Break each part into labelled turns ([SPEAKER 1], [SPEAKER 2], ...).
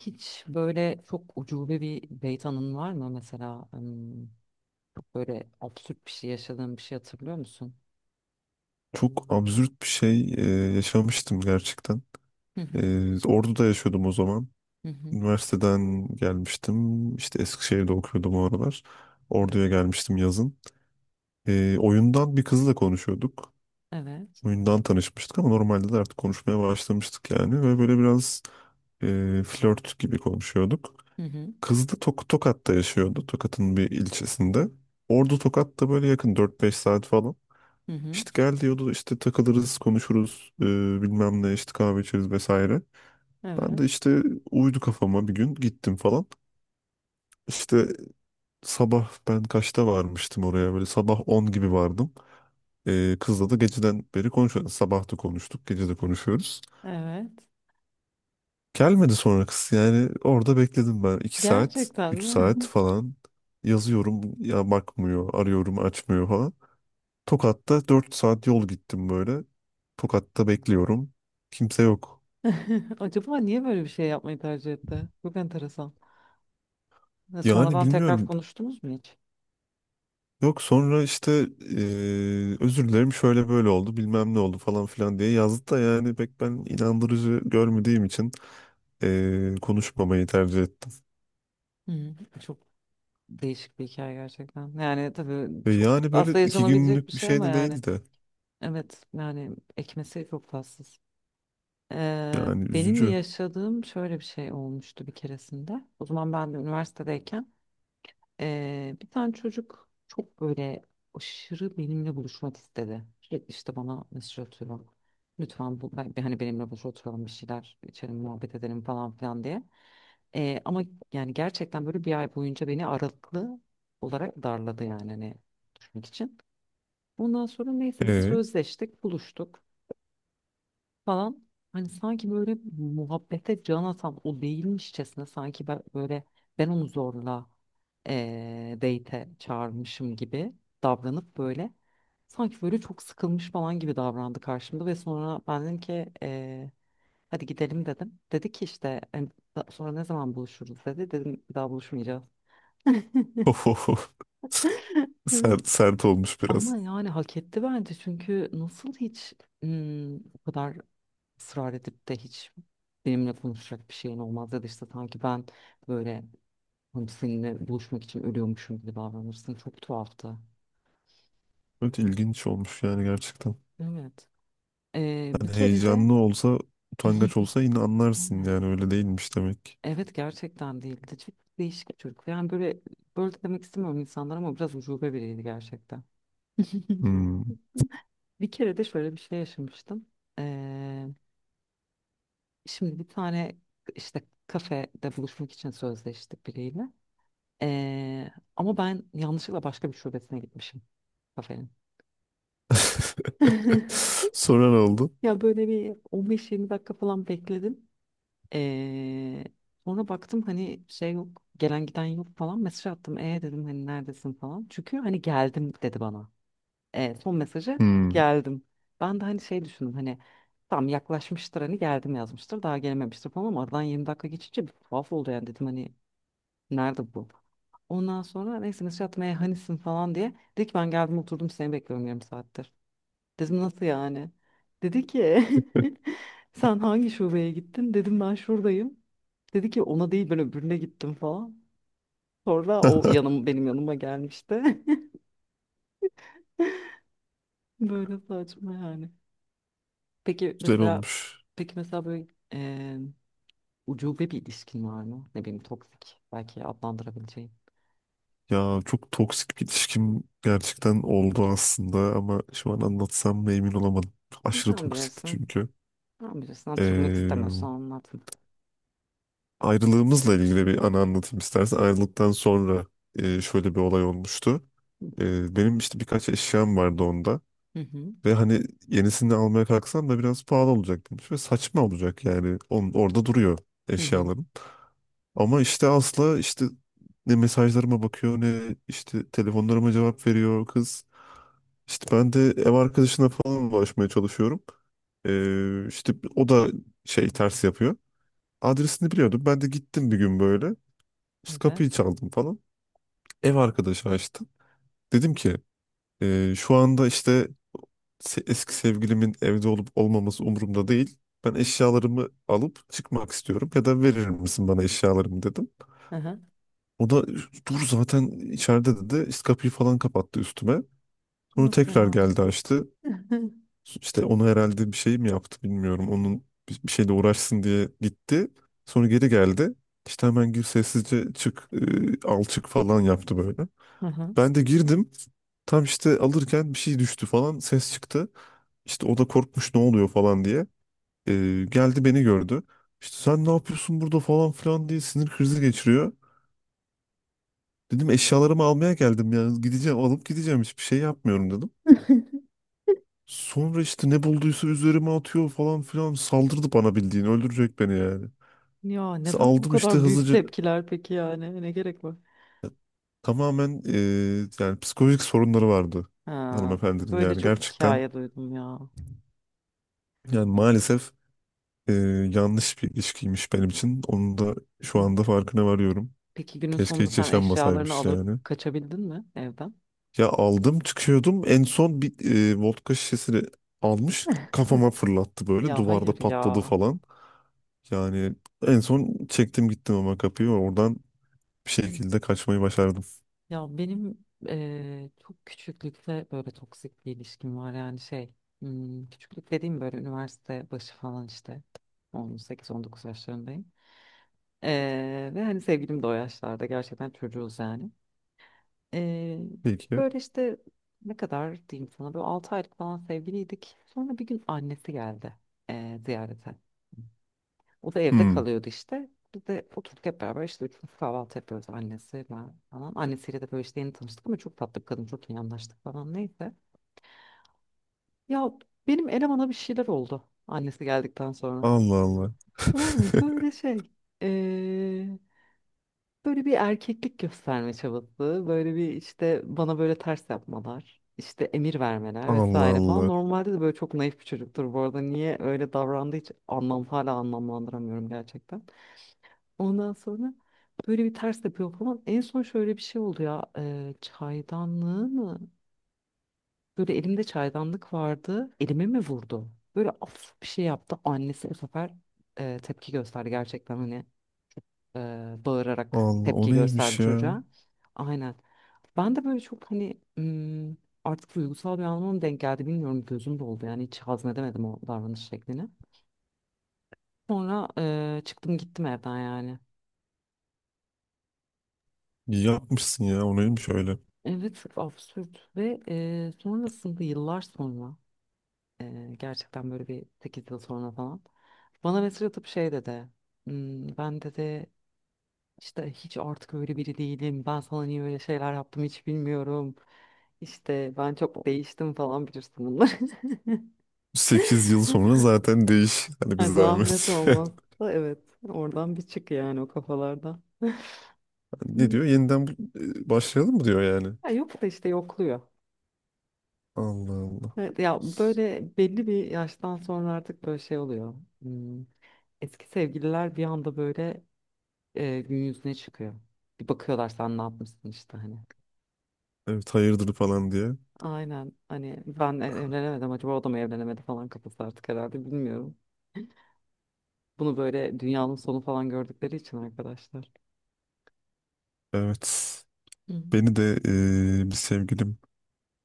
[SPEAKER 1] Hiç böyle çok ucube bir beyt anın var mı mesela? Çok böyle absürt bir şey yaşadığın bir şey hatırlıyor musun?
[SPEAKER 2] Çok absürt bir şey yaşamıştım gerçekten.
[SPEAKER 1] Hı hı.
[SPEAKER 2] Ordu'da yaşıyordum o zaman.
[SPEAKER 1] Hı hı.
[SPEAKER 2] Üniversiteden gelmiştim. İşte Eskişehir'de okuyordum o aralar.
[SPEAKER 1] Evet.
[SPEAKER 2] Ordu'ya gelmiştim yazın. Oyundan bir kızla konuşuyorduk.
[SPEAKER 1] Evet.
[SPEAKER 2] Oyundan tanışmıştık ama normalde de artık konuşmaya başlamıştık yani. Ve böyle biraz flört gibi konuşuyorduk.
[SPEAKER 1] Hı hı.
[SPEAKER 2] Kız da Tokat'ta yaşıyordu. Tokat'ın bir ilçesinde. Ordu Tokat da böyle yakın 4-5 saat falan.
[SPEAKER 1] Hı hı.
[SPEAKER 2] İşte gel diyordu işte takılırız konuşuruz bilmem ne işte kahve içeriz vesaire. Ben
[SPEAKER 1] Evet.
[SPEAKER 2] de işte uydu kafama bir gün gittim falan. İşte sabah ben kaçta varmıştım oraya böyle sabah 10 gibi vardım. Kızla da geceden beri konuşuyoruz. Sabah da konuştuk gece de konuşuyoruz.
[SPEAKER 1] Evet.
[SPEAKER 2] Gelmedi sonra kız yani orada bekledim ben 2 saat
[SPEAKER 1] Gerçekten
[SPEAKER 2] 3 saat
[SPEAKER 1] mi?
[SPEAKER 2] falan yazıyorum ya bakmıyor arıyorum açmıyor falan. Tokat'ta 4 saat yol gittim böyle. Tokat'ta bekliyorum. Kimse yok.
[SPEAKER 1] Acaba niye böyle bir şey yapmayı tercih etti? Çok enteresan. Ve
[SPEAKER 2] Yani
[SPEAKER 1] sonradan tekrar
[SPEAKER 2] bilmiyorum.
[SPEAKER 1] konuştunuz mu hiç?
[SPEAKER 2] Yok sonra işte özür dilerim şöyle böyle oldu bilmem ne oldu falan filan diye yazdı da yani pek ben inandırıcı görmediğim için konuşmamayı tercih ettim.
[SPEAKER 1] Hı. Çok değişik bir hikaye gerçekten. Yani tabii
[SPEAKER 2] Ve
[SPEAKER 1] çok
[SPEAKER 2] yani böyle
[SPEAKER 1] aslında
[SPEAKER 2] iki
[SPEAKER 1] yaşanabilecek bir
[SPEAKER 2] günlük bir
[SPEAKER 1] şey
[SPEAKER 2] şey
[SPEAKER 1] ama
[SPEAKER 2] de
[SPEAKER 1] yani.
[SPEAKER 2] değildi.
[SPEAKER 1] Evet yani ekmesi çok tatsız.
[SPEAKER 2] Yani
[SPEAKER 1] Benim
[SPEAKER 2] üzücü.
[SPEAKER 1] yaşadığım şöyle bir şey olmuştu bir keresinde. O zaman ben de üniversitedeyken bir tane çocuk çok böyle aşırı benimle buluşmak istedi. Sürekli işte bana mesaj atıyor. Lütfen bu, hani benimle buluş oturalım bir şeyler içelim muhabbet edelim falan filan diye. Ama yani gerçekten böyle bir ay boyunca beni aralıklı olarak darladı yani hani düşmek için. Ondan sonra neyse biz
[SPEAKER 2] Ee,
[SPEAKER 1] sözleştik buluştuk falan hani sanki böyle muhabbete can atan o değilmişçesine sanki ben böyle ben onu zorla date'e çağırmışım gibi davranıp böyle sanki böyle çok sıkılmış falan gibi davrandı karşımda ve sonra ben dedim ki hadi gidelim dedim. Dedi ki işte hani, Sonra ne zaman buluşuruz" dedi. Dedim bir daha buluşmayacağız. Evet.
[SPEAKER 2] Sert, sert olmuş biraz.
[SPEAKER 1] Ama yani hak etti bence çünkü nasıl hiç bu kadar ısrar edip de hiç benimle konuşacak bir şeyin olmaz ya da işte sanki ben böyle hani seninle buluşmak için ölüyormuşum gibi davranırsın. Çok tuhaftı.
[SPEAKER 2] Evet ilginç olmuş yani gerçekten.
[SPEAKER 1] Evet. Bir
[SPEAKER 2] Hani
[SPEAKER 1] kere de
[SPEAKER 2] heyecanlı olsa utangaç olsa yine anlarsın
[SPEAKER 1] evet.
[SPEAKER 2] yani öyle değilmiş demek.
[SPEAKER 1] Evet gerçekten değildi. Çok değişik bir çocuk. Yani böyle böyle de demek istemiyorum insanlar ama biraz ucube biriydi gerçekten.
[SPEAKER 2] Hmm.
[SPEAKER 1] Bir kere de şöyle bir şey yaşamıştım. Şimdi bir tane işte kafede buluşmak için sözleştik biriyle. Ee, ama ben yanlışlıkla başka bir şubesine gitmişim kafenin.
[SPEAKER 2] Sonra ne oldu?
[SPEAKER 1] Ya böyle bir 15-20 dakika falan bekledim. Ee, Sonra baktım hani şey yok, gelen giden yok falan. Mesaj attım. E dedim hani neredesin falan. Çünkü hani geldim dedi bana. Son mesajı
[SPEAKER 2] Hmm.
[SPEAKER 1] geldim. Ben de hani şey düşündüm hani tam yaklaşmıştır hani geldim yazmıştır daha gelememiştir falan ama aradan 20 dakika geçince bir tuhaf oldu yani dedim hani nerede bu? Ondan sonra neyse mesaj at meyhanesin falan diye. Dedi ki ben geldim oturdum seni bekliyorum yarım saattir. Dedim nasıl yani? Dedi ki sen hangi şubeye gittin? Dedim ben şuradayım. Dedi ki ona değil ben öbürüne gittim falan. Sonra o yanım benim yanıma gelmişti. Böyle saçma yani. Peki
[SPEAKER 2] Güzel
[SPEAKER 1] mesela
[SPEAKER 2] olmuş.
[SPEAKER 1] peki mesela böyle eee ucube bir ilişkin var mı? Ne bileyim toksik belki adlandırabileceğin.
[SPEAKER 2] Ya çok toksik bir ilişkim gerçekten oldu aslında ama şu an anlatsam mı emin olamadım. Aşırı
[SPEAKER 1] Sen
[SPEAKER 2] toksikti
[SPEAKER 1] bilirsin.
[SPEAKER 2] çünkü.
[SPEAKER 1] Sen bilirsin hatırlamak
[SPEAKER 2] Ee,
[SPEAKER 1] istemiyorsan anlatma.
[SPEAKER 2] ayrılığımızla ilgili bir anı anlatayım istersen. Ayrılıktan sonra şöyle bir olay olmuştu. Benim işte birkaç eşyam vardı onda.
[SPEAKER 1] Hı hı.
[SPEAKER 2] Ve hani yenisini almaya kalksam da biraz pahalı olacak demiş ve saçma olacak yani. Orada duruyor
[SPEAKER 1] Hı hı.
[SPEAKER 2] eşyalarım. Ama işte asla işte ne mesajlarıma bakıyor ne işte telefonlarıma cevap veriyor kız. İşte ben de ev arkadaşına falan ulaşmaya çalışıyorum. İşte o da şey ters yapıyor. Adresini biliyordum. Ben de gittim bir gün böyle. İşte kapıyı
[SPEAKER 1] Evet.
[SPEAKER 2] çaldım falan. Ev arkadaşı açtı. Dedim ki şu anda işte eski sevgilimin evde olup olmaması umurumda değil. Ben eşyalarımı alıp çıkmak istiyorum ya da verir misin bana eşyalarımı dedim.
[SPEAKER 1] Aha.
[SPEAKER 2] O da dur zaten içeride dedi. İşte kapıyı falan kapattı üstüme. Sonra
[SPEAKER 1] Nasıl
[SPEAKER 2] tekrar
[SPEAKER 1] ya?
[SPEAKER 2] geldi açtı. İşte onu herhalde bir şey mi yaptı bilmiyorum. Onun bir şeyle uğraşsın diye gitti. Sonra geri geldi. İşte hemen gir sessizce çık al çık falan yaptı böyle.
[SPEAKER 1] Aha.
[SPEAKER 2] Ben de girdim. Tam işte alırken bir şey düştü falan ses çıktı. İşte o da korkmuş ne oluyor falan diye. Geldi beni gördü. İşte sen ne yapıyorsun burada falan filan diye sinir krizi geçiriyor. Dedim eşyalarımı almaya geldim yani gideceğim alıp gideceğim hiçbir şey yapmıyorum dedim. Sonra işte ne bulduysa üzerime atıyor falan filan saldırdı bana bildiğin öldürecek beni yani.
[SPEAKER 1] Ya
[SPEAKER 2] İşte
[SPEAKER 1] neden bu
[SPEAKER 2] aldım işte
[SPEAKER 1] kadar büyük
[SPEAKER 2] hızlıca
[SPEAKER 1] tepkiler peki yani? Ne gerek var?
[SPEAKER 2] tamamen yani psikolojik sorunları vardı
[SPEAKER 1] Ha,
[SPEAKER 2] hanımefendinin
[SPEAKER 1] böyle
[SPEAKER 2] yani
[SPEAKER 1] çok
[SPEAKER 2] gerçekten
[SPEAKER 1] hikaye duydum ya.
[SPEAKER 2] yani maalesef eee, yanlış bir ilişkiymiş benim için. Onun da şu
[SPEAKER 1] Hı.
[SPEAKER 2] anda farkına varıyorum.
[SPEAKER 1] Peki günün
[SPEAKER 2] Keşke
[SPEAKER 1] sonunda
[SPEAKER 2] hiç
[SPEAKER 1] sen eşyalarını
[SPEAKER 2] yaşanmasaymış
[SPEAKER 1] alıp
[SPEAKER 2] yani.
[SPEAKER 1] kaçabildin mi evden?
[SPEAKER 2] Ya aldım çıkıyordum. En son bir vodka şişesini almış kafama fırlattı böyle.
[SPEAKER 1] Ya hayır
[SPEAKER 2] Duvarda patladı
[SPEAKER 1] ya.
[SPEAKER 2] falan. Yani en son çektim gittim ama kapıyı oradan bir
[SPEAKER 1] Hı.
[SPEAKER 2] şekilde kaçmayı başardım.
[SPEAKER 1] Ya benim çok küçüklükte böyle toksik bir ilişkim var yani şey. Küçüklük dediğim böyle üniversite başı falan işte. 18-19 yaşlarındayım. Ve hani sevgilim de o yaşlarda gerçekten çocuğuz yani. Ee,
[SPEAKER 2] Peki.
[SPEAKER 1] Böyle işte ne kadar diyeyim sana böyle 6 aylık falan sevgiliydik. Sonra bir gün annesi geldi ziyarete. O da evde
[SPEAKER 2] Hmm.
[SPEAKER 1] kalıyordu işte. Biz de oturduk hep beraber işte üçümüz kahvaltı yapıyoruz annesi ben falan. Annesiyle de böyle işte yeni tanıştık ama çok tatlı bir kadın çok iyi anlaştık falan neyse. Ya benim elemana bir şeyler oldu annesi geldikten sonra.
[SPEAKER 2] Allah Allah.
[SPEAKER 1] Tamam mı? Böyle şey. ee, Böyle bir erkeklik gösterme çabası, böyle bir işte bana böyle ters yapmalar, işte emir vermeler
[SPEAKER 2] Allah
[SPEAKER 1] vesaire falan.
[SPEAKER 2] Allah.
[SPEAKER 1] Normalde de böyle çok naif bir çocuktur bu arada. Niye öyle davrandığı hiç hala anlamlandıramıyorum gerçekten. Ondan sonra böyle bir ters yapıyor falan. En son şöyle bir şey oldu ya, e, çaydanlığı mı? Böyle elimde çaydanlık vardı, elime mi vurdu? Böyle af bir şey yaptı. Annesi bu sefer e, tepki gösterdi gerçekten hani e, bağırarak
[SPEAKER 2] Allah o
[SPEAKER 1] tepki gösterdi
[SPEAKER 2] neymiş ya?
[SPEAKER 1] çocuğa. Aynen. Ben de böyle çok hani artık duygusal bir anlamda mı denk geldi bilmiyorum gözüm doldu yani hiç hazmedemedim o davranış şeklini. Sonra çıktım gittim evden yani.
[SPEAKER 2] İyi yapmışsın ya o neymiş öyle.
[SPEAKER 1] Evet çok absürt ve sonrasında yıllar sonra gerçekten böyle bir 8 yıl sonra falan bana mesaj atıp şey dedi. Ben" dedi "işte hiç artık öyle biri değilim ben sana niye öyle şeyler yaptım hiç bilmiyorum. İşte ben çok değiştim" falan bilirsin bunları.
[SPEAKER 2] 8 yıl sonra zaten değiş. Hani biz
[SPEAKER 1] Ay, zahmet
[SPEAKER 2] zahmet.
[SPEAKER 1] olmazsa evet oradan bir çık yani o kafalardan.
[SPEAKER 2] Ne
[SPEAKER 1] Hmm.
[SPEAKER 2] diyor? Yeniden başlayalım mı diyor yani.
[SPEAKER 1] Ya yok da işte yokluyor.
[SPEAKER 2] Allah Allah.
[SPEAKER 1] Evet, ya böyle belli bir yaştan sonra artık böyle şey oluyor. Hmm, Eski sevgililer bir anda böyle gün yüzüne çıkıyor. Bir bakıyorlar sen ne yapmışsın işte hani.
[SPEAKER 2] Evet hayırdır falan diye.
[SPEAKER 1] Aynen hani ben evlenemedim acaba o da mı evlenemedi falan kafası artık herhalde bilmiyorum. Bunu böyle dünyanın sonu falan gördükleri için arkadaşlar.
[SPEAKER 2] Evet.
[SPEAKER 1] Hı hı.
[SPEAKER 2] Beni de bir sevgilim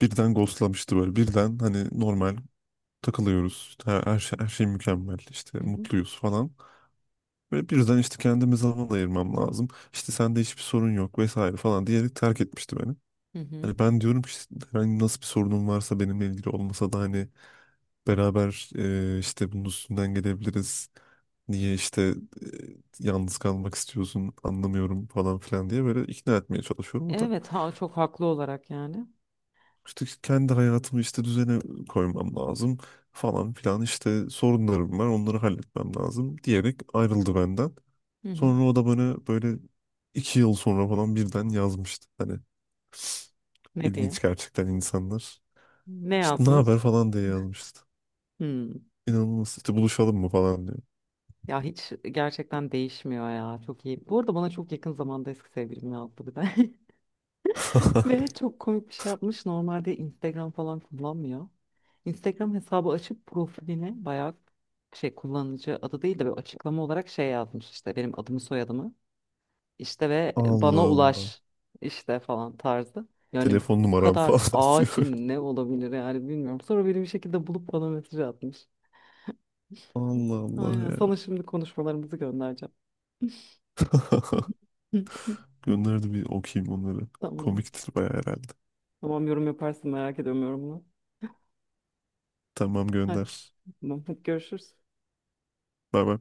[SPEAKER 2] birden ghostlamıştı böyle. Birden hani normal takılıyoruz. İşte Her şey mükemmel. İşte
[SPEAKER 1] Hı hı.
[SPEAKER 2] mutluyuz falan. Ve birden işte kendime zaman ayırmam lazım. İşte sende hiçbir sorun yok vesaire falan diyerek terk etmişti beni.
[SPEAKER 1] Hı hı.
[SPEAKER 2] Hani ben diyorum ki işte herhangi nasıl bir sorunun varsa benimle ilgili olmasa da hani beraber işte bunun üstünden gelebiliriz. Niye işte yalnız kalmak istiyorsun anlamıyorum falan filan diye böyle ikna etmeye çalışıyorum. O da
[SPEAKER 1] Evet ha çok haklı olarak yani.
[SPEAKER 2] İşte kendi hayatımı işte düzene koymam lazım falan filan işte sorunlarım var onları halletmem lazım diyerek ayrıldı benden.
[SPEAKER 1] Hı hı.
[SPEAKER 2] Sonra o da bana böyle 2 yıl sonra falan birden yazmıştı. Hani
[SPEAKER 1] Ne diye?
[SPEAKER 2] ilginç gerçekten insanlar.
[SPEAKER 1] Ne
[SPEAKER 2] İşte ne haber
[SPEAKER 1] yazmış?
[SPEAKER 2] falan diye yazmıştı.
[SPEAKER 1] Hmm.
[SPEAKER 2] İnanılmaz işte buluşalım mı falan diyor.
[SPEAKER 1] Ya hiç gerçekten değişmiyor ya. Çok iyi. Bu arada bana çok yakın zamanda eski sevgilim yazdı bir de. Ve çok komik bir şey yapmış. Normalde Instagram falan kullanmıyor. Instagram hesabı açıp profiline bayağı şey kullanıcı adı değil de böyle açıklama olarak şey yazmış işte benim adımı soyadımı işte ve bana
[SPEAKER 2] Allah Allah.
[SPEAKER 1] ulaş işte falan tarzı. Yani bu
[SPEAKER 2] Telefon numaram
[SPEAKER 1] kadar
[SPEAKER 2] falan
[SPEAKER 1] acil
[SPEAKER 2] diyor.
[SPEAKER 1] ne olabilir yani bilmiyorum. Sonra beni bir şekilde bulup bana mesaj atmış.
[SPEAKER 2] Allah Allah
[SPEAKER 1] Aynen.
[SPEAKER 2] ya.
[SPEAKER 1] Sana şimdi konuşmalarımızı göndereceğim.
[SPEAKER 2] Gönderdi bir okuyayım onları.
[SPEAKER 1] Tamam.
[SPEAKER 2] Komiktir baya herhalde.
[SPEAKER 1] Tamam yorum yaparsın merak ediyorum yorumunu.
[SPEAKER 2] Tamam
[SPEAKER 1] Hadi.
[SPEAKER 2] gönder.
[SPEAKER 1] Tamam. Hadi görüşürüz.
[SPEAKER 2] Bay bay.